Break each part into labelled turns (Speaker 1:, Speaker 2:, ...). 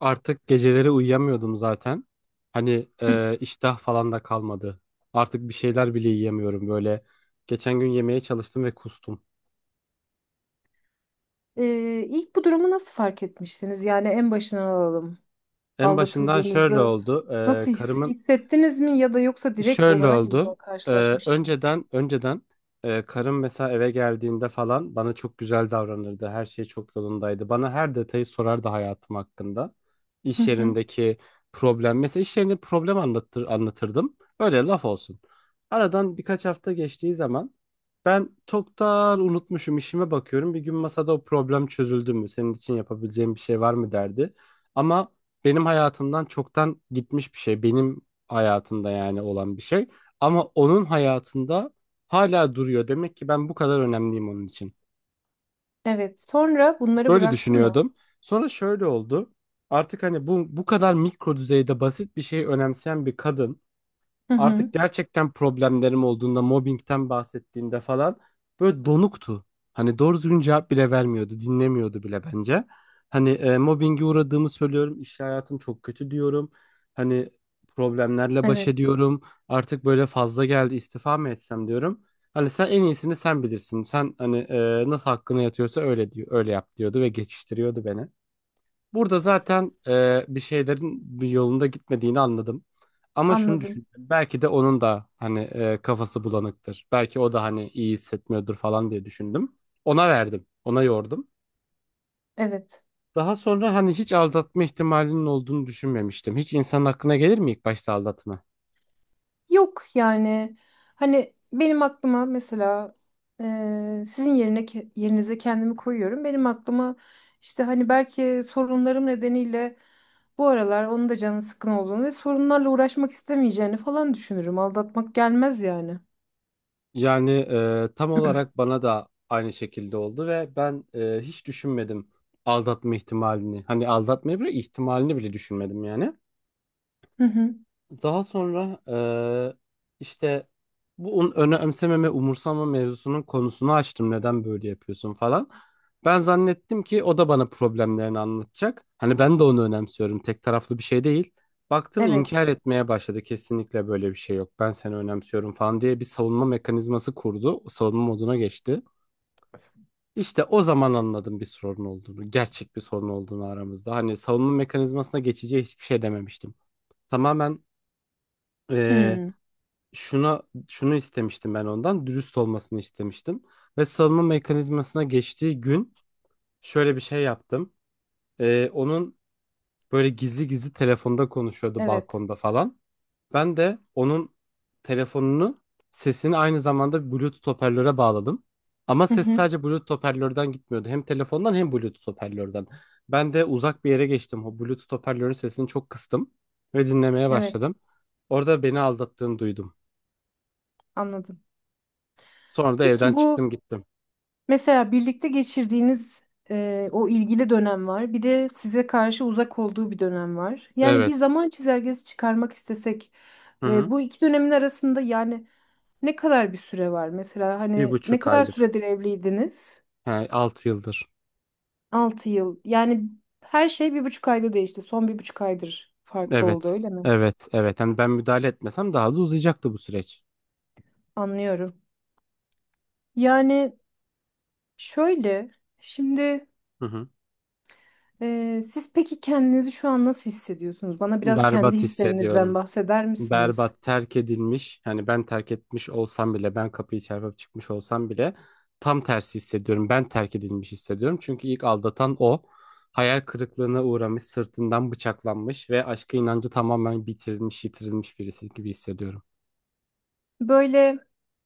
Speaker 1: Artık geceleri uyuyamıyordum zaten. Hani iştah falan da kalmadı. Artık bir şeyler bile yiyemiyorum böyle. Geçen gün yemeye çalıştım ve kustum.
Speaker 2: İlk bu durumu nasıl fark etmiştiniz? Yani en başından alalım.
Speaker 1: En başından şöyle
Speaker 2: Aldatıldığınızı
Speaker 1: oldu. E,
Speaker 2: nasıl
Speaker 1: karımın
Speaker 2: hissettiniz mi ya da yoksa direkt
Speaker 1: Şöyle
Speaker 2: olarak mı
Speaker 1: oldu.
Speaker 2: buna
Speaker 1: Ee,
Speaker 2: karşılaşmıştınız?
Speaker 1: önceden karım mesela eve geldiğinde falan bana çok güzel davranırdı. Her şey çok yolundaydı. Bana her detayı sorardı hayatım hakkında.
Speaker 2: Hı
Speaker 1: İş
Speaker 2: hı.
Speaker 1: yerindeki problem. Mesela iş yerinde problem anlatırdım. Öyle laf olsun. Aradan birkaç hafta geçtiği zaman ben çoktan unutmuşum, işime bakıyorum. Bir gün masada, "O problem çözüldü mü? Senin için yapabileceğim bir şey var mı?" derdi. Ama benim hayatımdan çoktan gitmiş bir şey. Benim hayatında yani olan bir şey. Ama onun hayatında hala duruyor. Demek ki ben bu kadar önemliyim onun için.
Speaker 2: Evet. Sonra bunları
Speaker 1: Böyle
Speaker 2: bıraktı mı?
Speaker 1: düşünüyordum. Sonra şöyle oldu. Artık hani bu kadar mikro düzeyde basit bir şeyi önemseyen bir kadın.
Speaker 2: Hı
Speaker 1: Artık
Speaker 2: hı.
Speaker 1: gerçekten problemlerim olduğunda, mobbingten bahsettiğinde falan böyle donuktu. Hani doğru düzgün cevap bile vermiyordu, dinlemiyordu bile bence. Hani mobbinge uğradığımı söylüyorum, iş hayatım çok kötü diyorum. Hani problemlerle baş
Speaker 2: Evet.
Speaker 1: ediyorum. Artık böyle fazla geldi, istifa mı etsem diyorum. Hani sen en iyisini sen bilirsin. Sen hani nasıl hakkına yatıyorsa öyle diyor, öyle yap diyordu ve geçiştiriyordu beni. Burada zaten bir şeylerin bir yolunda gitmediğini anladım. Ama şunu düşündüm.
Speaker 2: Anladım.
Speaker 1: Belki de onun da hani kafası bulanıktır. Belki o da hani iyi hissetmiyordur falan diye düşündüm. Ona verdim. Ona yordum.
Speaker 2: Evet.
Speaker 1: Daha sonra hani hiç aldatma ihtimalinin olduğunu düşünmemiştim. Hiç insanın aklına gelir mi ilk başta aldatma?
Speaker 2: Yok yani hani benim aklıma mesela sizin yerinize kendimi koyuyorum. Benim aklıma işte hani belki sorunlarım nedeniyle bu aralar onun da canı sıkkın olduğunu ve sorunlarla uğraşmak istemeyeceğini falan düşünürüm. Aldatmak gelmez yani.
Speaker 1: Yani tam olarak bana da aynı şekilde oldu ve ben hiç düşünmedim aldatma ihtimalini. Hani aldatmayı bile, ihtimalini bile düşünmedim yani.
Speaker 2: Hı hı.
Speaker 1: Daha sonra işte bu önemsememe, umursamama mevzusunun konusunu açtım. Neden böyle yapıyorsun falan. Ben zannettim ki o da bana problemlerini anlatacak. Hani ben de onu önemsiyorum. Tek taraflı bir şey değil. Baktım
Speaker 2: Evet.
Speaker 1: inkar etmeye başladı. Kesinlikle böyle bir şey yok. Ben seni önemsiyorum falan diye bir savunma mekanizması kurdu. Savunma moduna geçti. İşte o zaman anladım bir sorun olduğunu. Gerçek bir sorun olduğunu aramızda. Hani savunma mekanizmasına geçeceği hiçbir şey dememiştim. Tamamen
Speaker 2: Hı.
Speaker 1: şuna şunu istemiştim, ben ondan dürüst olmasını istemiştim ve salınma mekanizmasına geçtiği gün şöyle bir şey yaptım. Onun böyle gizli gizli telefonda konuşuyordu,
Speaker 2: Evet.
Speaker 1: balkonda falan. Ben de onun telefonunu sesini aynı zamanda Bluetooth hoparlöre bağladım. Ama
Speaker 2: Hı
Speaker 1: ses
Speaker 2: hı.
Speaker 1: sadece Bluetooth hoparlörden gitmiyordu. Hem telefondan hem Bluetooth hoparlörden. Ben de uzak bir yere geçtim. O Bluetooth hoparlörün sesini çok kıstım ve dinlemeye
Speaker 2: Evet.
Speaker 1: başladım. Orada beni aldattığını duydum.
Speaker 2: Anladım.
Speaker 1: Sonra da evden
Speaker 2: Peki bu.
Speaker 1: çıktım, gittim.
Speaker 2: Mesela birlikte geçirdiğiniz o ilgili dönem var. Bir de size karşı uzak olduğu bir dönem var. Yani bir
Speaker 1: Evet.
Speaker 2: zaman çizelgesi çıkarmak istesek
Speaker 1: Hı hı.
Speaker 2: bu iki dönemin arasında yani ne kadar bir süre var? Mesela
Speaker 1: Bir
Speaker 2: hani ne
Speaker 1: buçuk
Speaker 2: kadar
Speaker 1: aylık.
Speaker 2: süredir evliydiniz?
Speaker 1: He, 6 yıldır.
Speaker 2: 6 yıl. Yani her şey 1,5 ayda değişti. Son 1,5 aydır farklı oldu
Speaker 1: Evet.
Speaker 2: öyle mi?
Speaker 1: Evet. Evet. Yani ben müdahale etmesem daha da uzayacaktı bu süreç.
Speaker 2: Anlıyorum. Yani şöyle şimdi.
Speaker 1: Hı hı.
Speaker 2: Siz peki kendinizi şu an nasıl hissediyorsunuz? Bana biraz kendi
Speaker 1: Berbat
Speaker 2: hislerinizden
Speaker 1: hissediyorum.
Speaker 2: bahseder misiniz?
Speaker 1: Berbat, terk edilmiş. Hani ben terk etmiş olsam bile, ben kapıyı çarpıp çıkmış olsam bile tam tersi hissediyorum. Ben terk edilmiş hissediyorum. Çünkü ilk aldatan o. Hayal kırıklığına uğramış, sırtından bıçaklanmış ve aşka inancı tamamen bitirilmiş, yitirilmiş birisi gibi hissediyorum.
Speaker 2: Böyle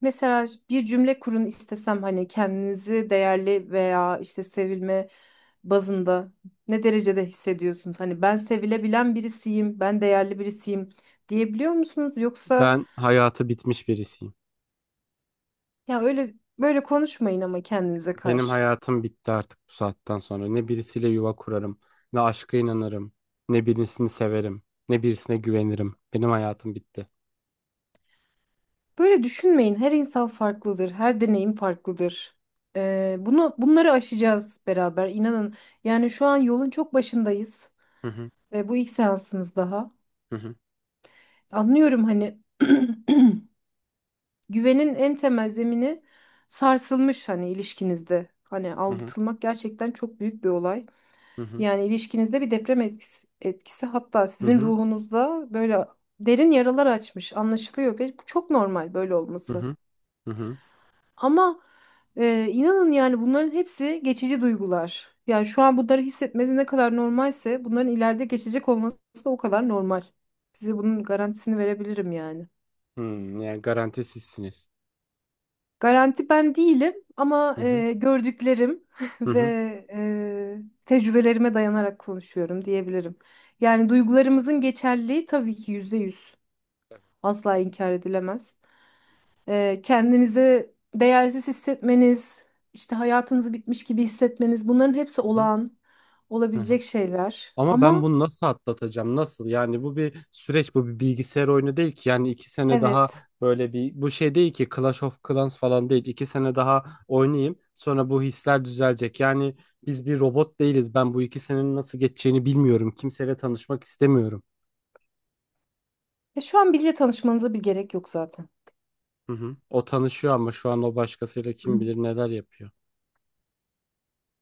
Speaker 2: mesela bir cümle kurun istesem hani kendinizi değerli veya işte sevilme bazında ne derecede hissediyorsunuz? Hani ben sevilebilen birisiyim, ben değerli birisiyim diyebiliyor musunuz? Yoksa
Speaker 1: Ben hayatı bitmiş birisiyim.
Speaker 2: ya öyle böyle konuşmayın ama kendinize
Speaker 1: Benim
Speaker 2: karşı.
Speaker 1: hayatım bitti artık bu saatten sonra. Ne birisiyle yuva kurarım, ne aşka inanırım, ne birisini severim, ne birisine güvenirim. Benim hayatım bitti.
Speaker 2: Böyle düşünmeyin. Her insan farklıdır. Her deneyim farklıdır. Bunu bunları aşacağız beraber. İnanın. Yani şu an yolun çok başındayız.
Speaker 1: Hı hı.
Speaker 2: Ve bu ilk seansımız daha.
Speaker 1: Hı hı.
Speaker 2: Anlıyorum hani güvenin en temel zemini sarsılmış hani ilişkinizde. Hani
Speaker 1: Hı hı.
Speaker 2: aldatılmak gerçekten çok büyük bir olay.
Speaker 1: Hı hı.
Speaker 2: Yani ilişkinizde bir deprem etkisi hatta
Speaker 1: Hı
Speaker 2: sizin
Speaker 1: hı.
Speaker 2: ruhunuzda böyle derin yaralar açmış anlaşılıyor ve bu çok normal böyle
Speaker 1: Hı
Speaker 2: olması.
Speaker 1: hı. Hı.
Speaker 2: Ama inanın yani bunların hepsi geçici duygular. Yani şu an bunları hissetmesi ne kadar normalse bunların ileride geçecek olması da o kadar normal. Size bunun garantisini verebilirim yani.
Speaker 1: Hmm, yani garantisizsiniz.
Speaker 2: Garanti ben değilim ama gördüklerim
Speaker 1: Hı
Speaker 2: ve
Speaker 1: hı.
Speaker 2: tecrübelerime dayanarak konuşuyorum diyebilirim. Yani duygularımızın geçerliliği tabii ki %100 asla inkar edilemez. Kendinizi değersiz hissetmeniz, işte hayatınızı bitmiş gibi hissetmeniz bunların hepsi
Speaker 1: Hı hı.
Speaker 2: olağan
Speaker 1: Hı hı.
Speaker 2: olabilecek şeyler.
Speaker 1: Ama ben
Speaker 2: Ama
Speaker 1: bunu nasıl atlatacağım? Nasıl? Yani bu bir süreç, bu bir bilgisayar oyunu değil ki. Yani 2 sene daha,
Speaker 2: evet,
Speaker 1: böyle bir bu şey değil ki, Clash of Clans falan değil. 2 sene daha oynayayım, sonra bu hisler düzelecek. Yani biz bir robot değiliz. Ben bu 2 senenin nasıl geçeceğini bilmiyorum. Kimseyle tanışmak istemiyorum.
Speaker 2: şu an biriyle tanışmanıza bir gerek yok zaten.
Speaker 1: Hı hı. O tanışıyor ama şu an o başkasıyla
Speaker 2: Hı.
Speaker 1: kim bilir neler yapıyor.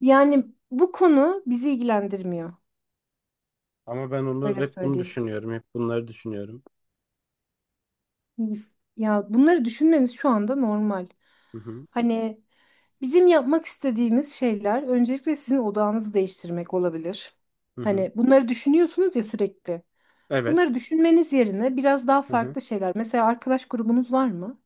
Speaker 2: Yani bu konu bizi ilgilendirmiyor.
Speaker 1: Ama ben onu,
Speaker 2: Öyle
Speaker 1: hep bunu
Speaker 2: söyleyeyim.
Speaker 1: düşünüyorum. Hep bunları düşünüyorum.
Speaker 2: Ya bunları düşünmeniz şu anda normal.
Speaker 1: Hı hı.
Speaker 2: Hani bizim yapmak istediğimiz şeyler öncelikle sizin odağınızı değiştirmek olabilir.
Speaker 1: Hı hı.
Speaker 2: Hani bunları düşünüyorsunuz ya sürekli.
Speaker 1: Evet.
Speaker 2: Bunları düşünmeniz yerine biraz daha farklı şeyler. Mesela arkadaş grubunuz var mı?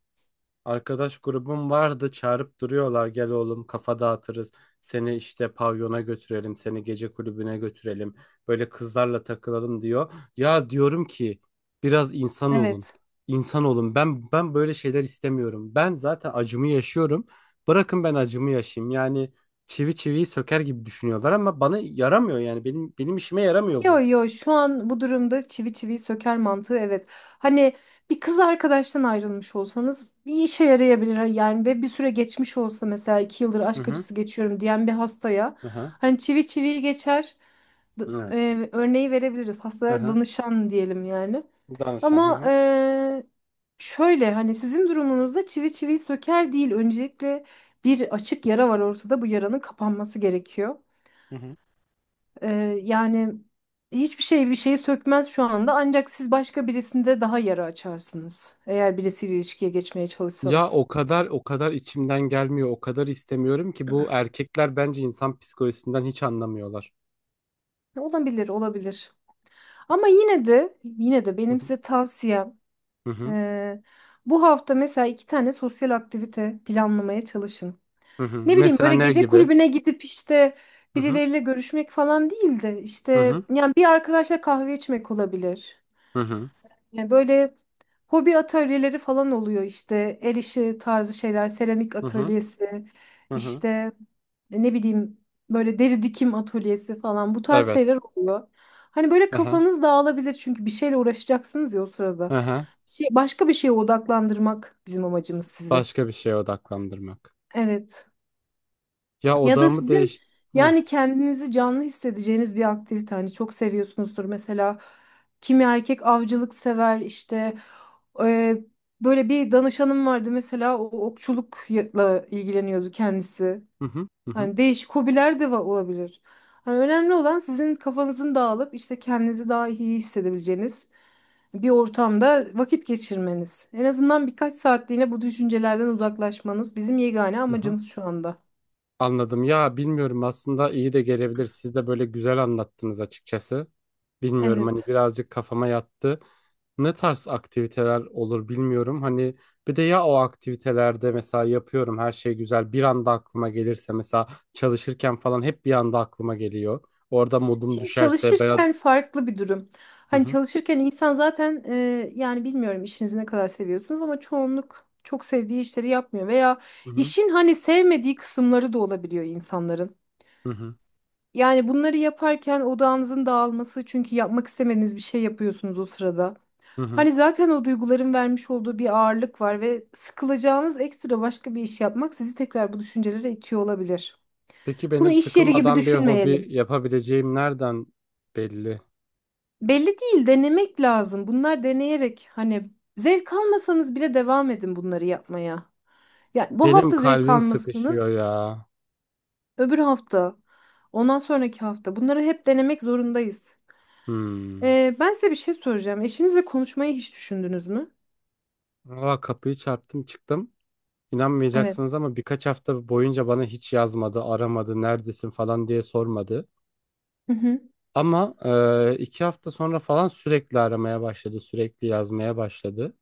Speaker 1: Arkadaş grubum vardı, çağırıp duruyorlar, "Gel oğlum, kafa dağıtırız, seni işte pavyona götürelim, seni gece kulübüne götürelim, böyle kızlarla takılalım," diyor. Ya diyorum ki, "Biraz insan olun,
Speaker 2: Evet.
Speaker 1: insan olun, ben böyle şeyler istemiyorum, ben zaten acımı yaşıyorum, bırakın ben acımı yaşayayım yani." Çivi çiviyi söker gibi düşünüyorlar ama bana yaramıyor, yani benim işime yaramıyor
Speaker 2: Yo
Speaker 1: bu.
Speaker 2: yo şu an bu durumda çivi çiviyi söker mantığı evet. Hani bir kız arkadaştan ayrılmış olsanız bir işe yarayabilir. Hani yani ve bir süre geçmiş olsa mesela 2 yıldır
Speaker 1: Hı
Speaker 2: aşk
Speaker 1: hı.
Speaker 2: acısı geçiyorum diyen bir hastaya
Speaker 1: Hı hı.
Speaker 2: hani çivi çiviyi geçer d-
Speaker 1: Evet.
Speaker 2: örneği verebiliriz.
Speaker 1: Hı
Speaker 2: Hastalara
Speaker 1: hı.
Speaker 2: danışan diyelim yani.
Speaker 1: Danışan. Hı
Speaker 2: Ama
Speaker 1: hı.
Speaker 2: şöyle hani sizin durumunuzda çivi çiviyi söker değil. Öncelikle bir açık yara var ortada. Bu yaranın kapanması gerekiyor.
Speaker 1: Hı hı.
Speaker 2: Eee, yani hiçbir şey bir şeyi sökmez şu anda. Ancak siz başka birisinde daha yara açarsınız. Eğer birisiyle ilişkiye geçmeye
Speaker 1: Ya
Speaker 2: çalışsanız.
Speaker 1: o kadar, o kadar içimden gelmiyor, o kadar istemiyorum ki, bu erkekler bence insan psikolojisinden hiç anlamıyorlar.
Speaker 2: Olabilir, olabilir. Ama yine de
Speaker 1: Hı
Speaker 2: benim
Speaker 1: hı.
Speaker 2: size tavsiyem
Speaker 1: Hı hı.
Speaker 2: eee, bu hafta mesela iki tane sosyal aktivite planlamaya çalışın.
Speaker 1: Hı hı.
Speaker 2: Ne bileyim
Speaker 1: Mesela
Speaker 2: böyle
Speaker 1: ne
Speaker 2: gece
Speaker 1: gibi?
Speaker 2: kulübüne gidip işte
Speaker 1: Hı hı.
Speaker 2: birileriyle görüşmek falan değil de
Speaker 1: Hı
Speaker 2: işte
Speaker 1: hı.
Speaker 2: yani bir arkadaşla kahve içmek olabilir.
Speaker 1: Hı hı.
Speaker 2: Yani böyle hobi atölyeleri falan oluyor işte el işi tarzı şeyler, seramik
Speaker 1: Hı hı.
Speaker 2: atölyesi,
Speaker 1: Hı hı.
Speaker 2: işte ne bileyim böyle deri dikim atölyesi falan bu tarz şeyler
Speaker 1: Evet.
Speaker 2: oluyor. Hani böyle
Speaker 1: Aha.
Speaker 2: kafanız dağılabilir çünkü bir şeyle uğraşacaksınız ya o sırada.
Speaker 1: Aha.
Speaker 2: Şey, başka bir şeye odaklandırmak bizim amacımız sizi.
Speaker 1: Başka bir şeye odaklandırmak.
Speaker 2: Evet.
Speaker 1: Ya
Speaker 2: Ya da
Speaker 1: odağımı
Speaker 2: sizin
Speaker 1: değiş... Heh.
Speaker 2: yani kendinizi canlı hissedeceğiniz bir aktivite hani çok seviyorsunuzdur mesela kimi erkek avcılık sever işte e, böyle bir danışanım vardı mesela o okçulukla ilgileniyordu kendisi.
Speaker 1: Hı hı. Hı hı.
Speaker 2: Hani değişik hobiler de olabilir. Hani önemli olan sizin kafanızın dağılıp işte kendinizi daha iyi hissedebileceğiniz bir ortamda vakit geçirmeniz. En azından birkaç saatliğine bu düşüncelerden uzaklaşmanız bizim yegane
Speaker 1: Hı hı.
Speaker 2: amacımız şu anda.
Speaker 1: Anladım. Ya bilmiyorum, aslında iyi de gelebilir. Siz de böyle güzel anlattınız açıkçası. Bilmiyorum, hani
Speaker 2: Evet.
Speaker 1: birazcık kafama yattı. Ne tarz aktiviteler olur bilmiyorum. Hani bir de, ya o aktivitelerde mesela yapıyorum, her şey güzel, bir anda aklıma gelirse mesela, çalışırken falan hep bir anda aklıma geliyor. Orada modum
Speaker 2: Şimdi
Speaker 1: düşerse ben...
Speaker 2: çalışırken farklı bir durum.
Speaker 1: Hı
Speaker 2: Hani
Speaker 1: hı.
Speaker 2: çalışırken insan zaten yani bilmiyorum işinizi ne kadar seviyorsunuz ama çoğunluk çok sevdiği işleri yapmıyor veya
Speaker 1: Hı hı.
Speaker 2: işin hani sevmediği kısımları da olabiliyor insanların.
Speaker 1: Hı hı.
Speaker 2: Yani bunları yaparken odağınızın dağılması çünkü yapmak istemediğiniz bir şey yapıyorsunuz o sırada.
Speaker 1: Hı hı.
Speaker 2: Hani zaten o duyguların vermiş olduğu bir ağırlık var ve sıkılacağınız ekstra başka bir iş yapmak sizi tekrar bu düşüncelere itiyor olabilir.
Speaker 1: Peki
Speaker 2: Bunu
Speaker 1: benim
Speaker 2: iş yeri gibi
Speaker 1: sıkılmadan bir hobi
Speaker 2: düşünmeyelim.
Speaker 1: yapabileceğim nereden belli?
Speaker 2: Belli değil, denemek lazım. Bunlar deneyerek hani zevk almasanız bile devam edin bunları yapmaya. Yani bu
Speaker 1: Benim
Speaker 2: hafta zevk
Speaker 1: kalbim sıkışıyor
Speaker 2: almazsınız,
Speaker 1: ya.
Speaker 2: öbür hafta, ondan sonraki hafta. Bunları hep denemek zorundayız.
Speaker 1: Hmm.
Speaker 2: Ben size bir şey soracağım. Eşinizle konuşmayı hiç düşündünüz mü?
Speaker 1: Aa, kapıyı çarptım çıktım.
Speaker 2: Evet.
Speaker 1: İnanmayacaksınız ama birkaç hafta boyunca bana hiç yazmadı, aramadı, neredesin falan diye sormadı.
Speaker 2: Hı hı.
Speaker 1: Ama 2 hafta sonra falan sürekli aramaya başladı, sürekli yazmaya başladı.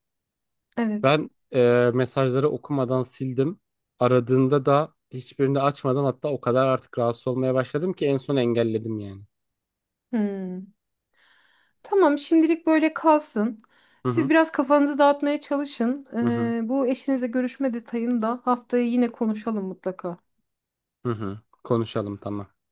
Speaker 2: Evet.
Speaker 1: Ben mesajları okumadan sildim. Aradığında da hiçbirini açmadan hatta o kadar artık rahatsız olmaya başladım ki en son engelledim yani.
Speaker 2: Hmm. Tamam, şimdilik böyle kalsın.
Speaker 1: Hı
Speaker 2: Siz
Speaker 1: hı.
Speaker 2: biraz kafanızı dağıtmaya çalışın.
Speaker 1: Hı hı.
Speaker 2: Bu eşinizle görüşme detayını da haftaya yine konuşalım mutlaka.
Speaker 1: Hı hı. Konuşalım, tamam.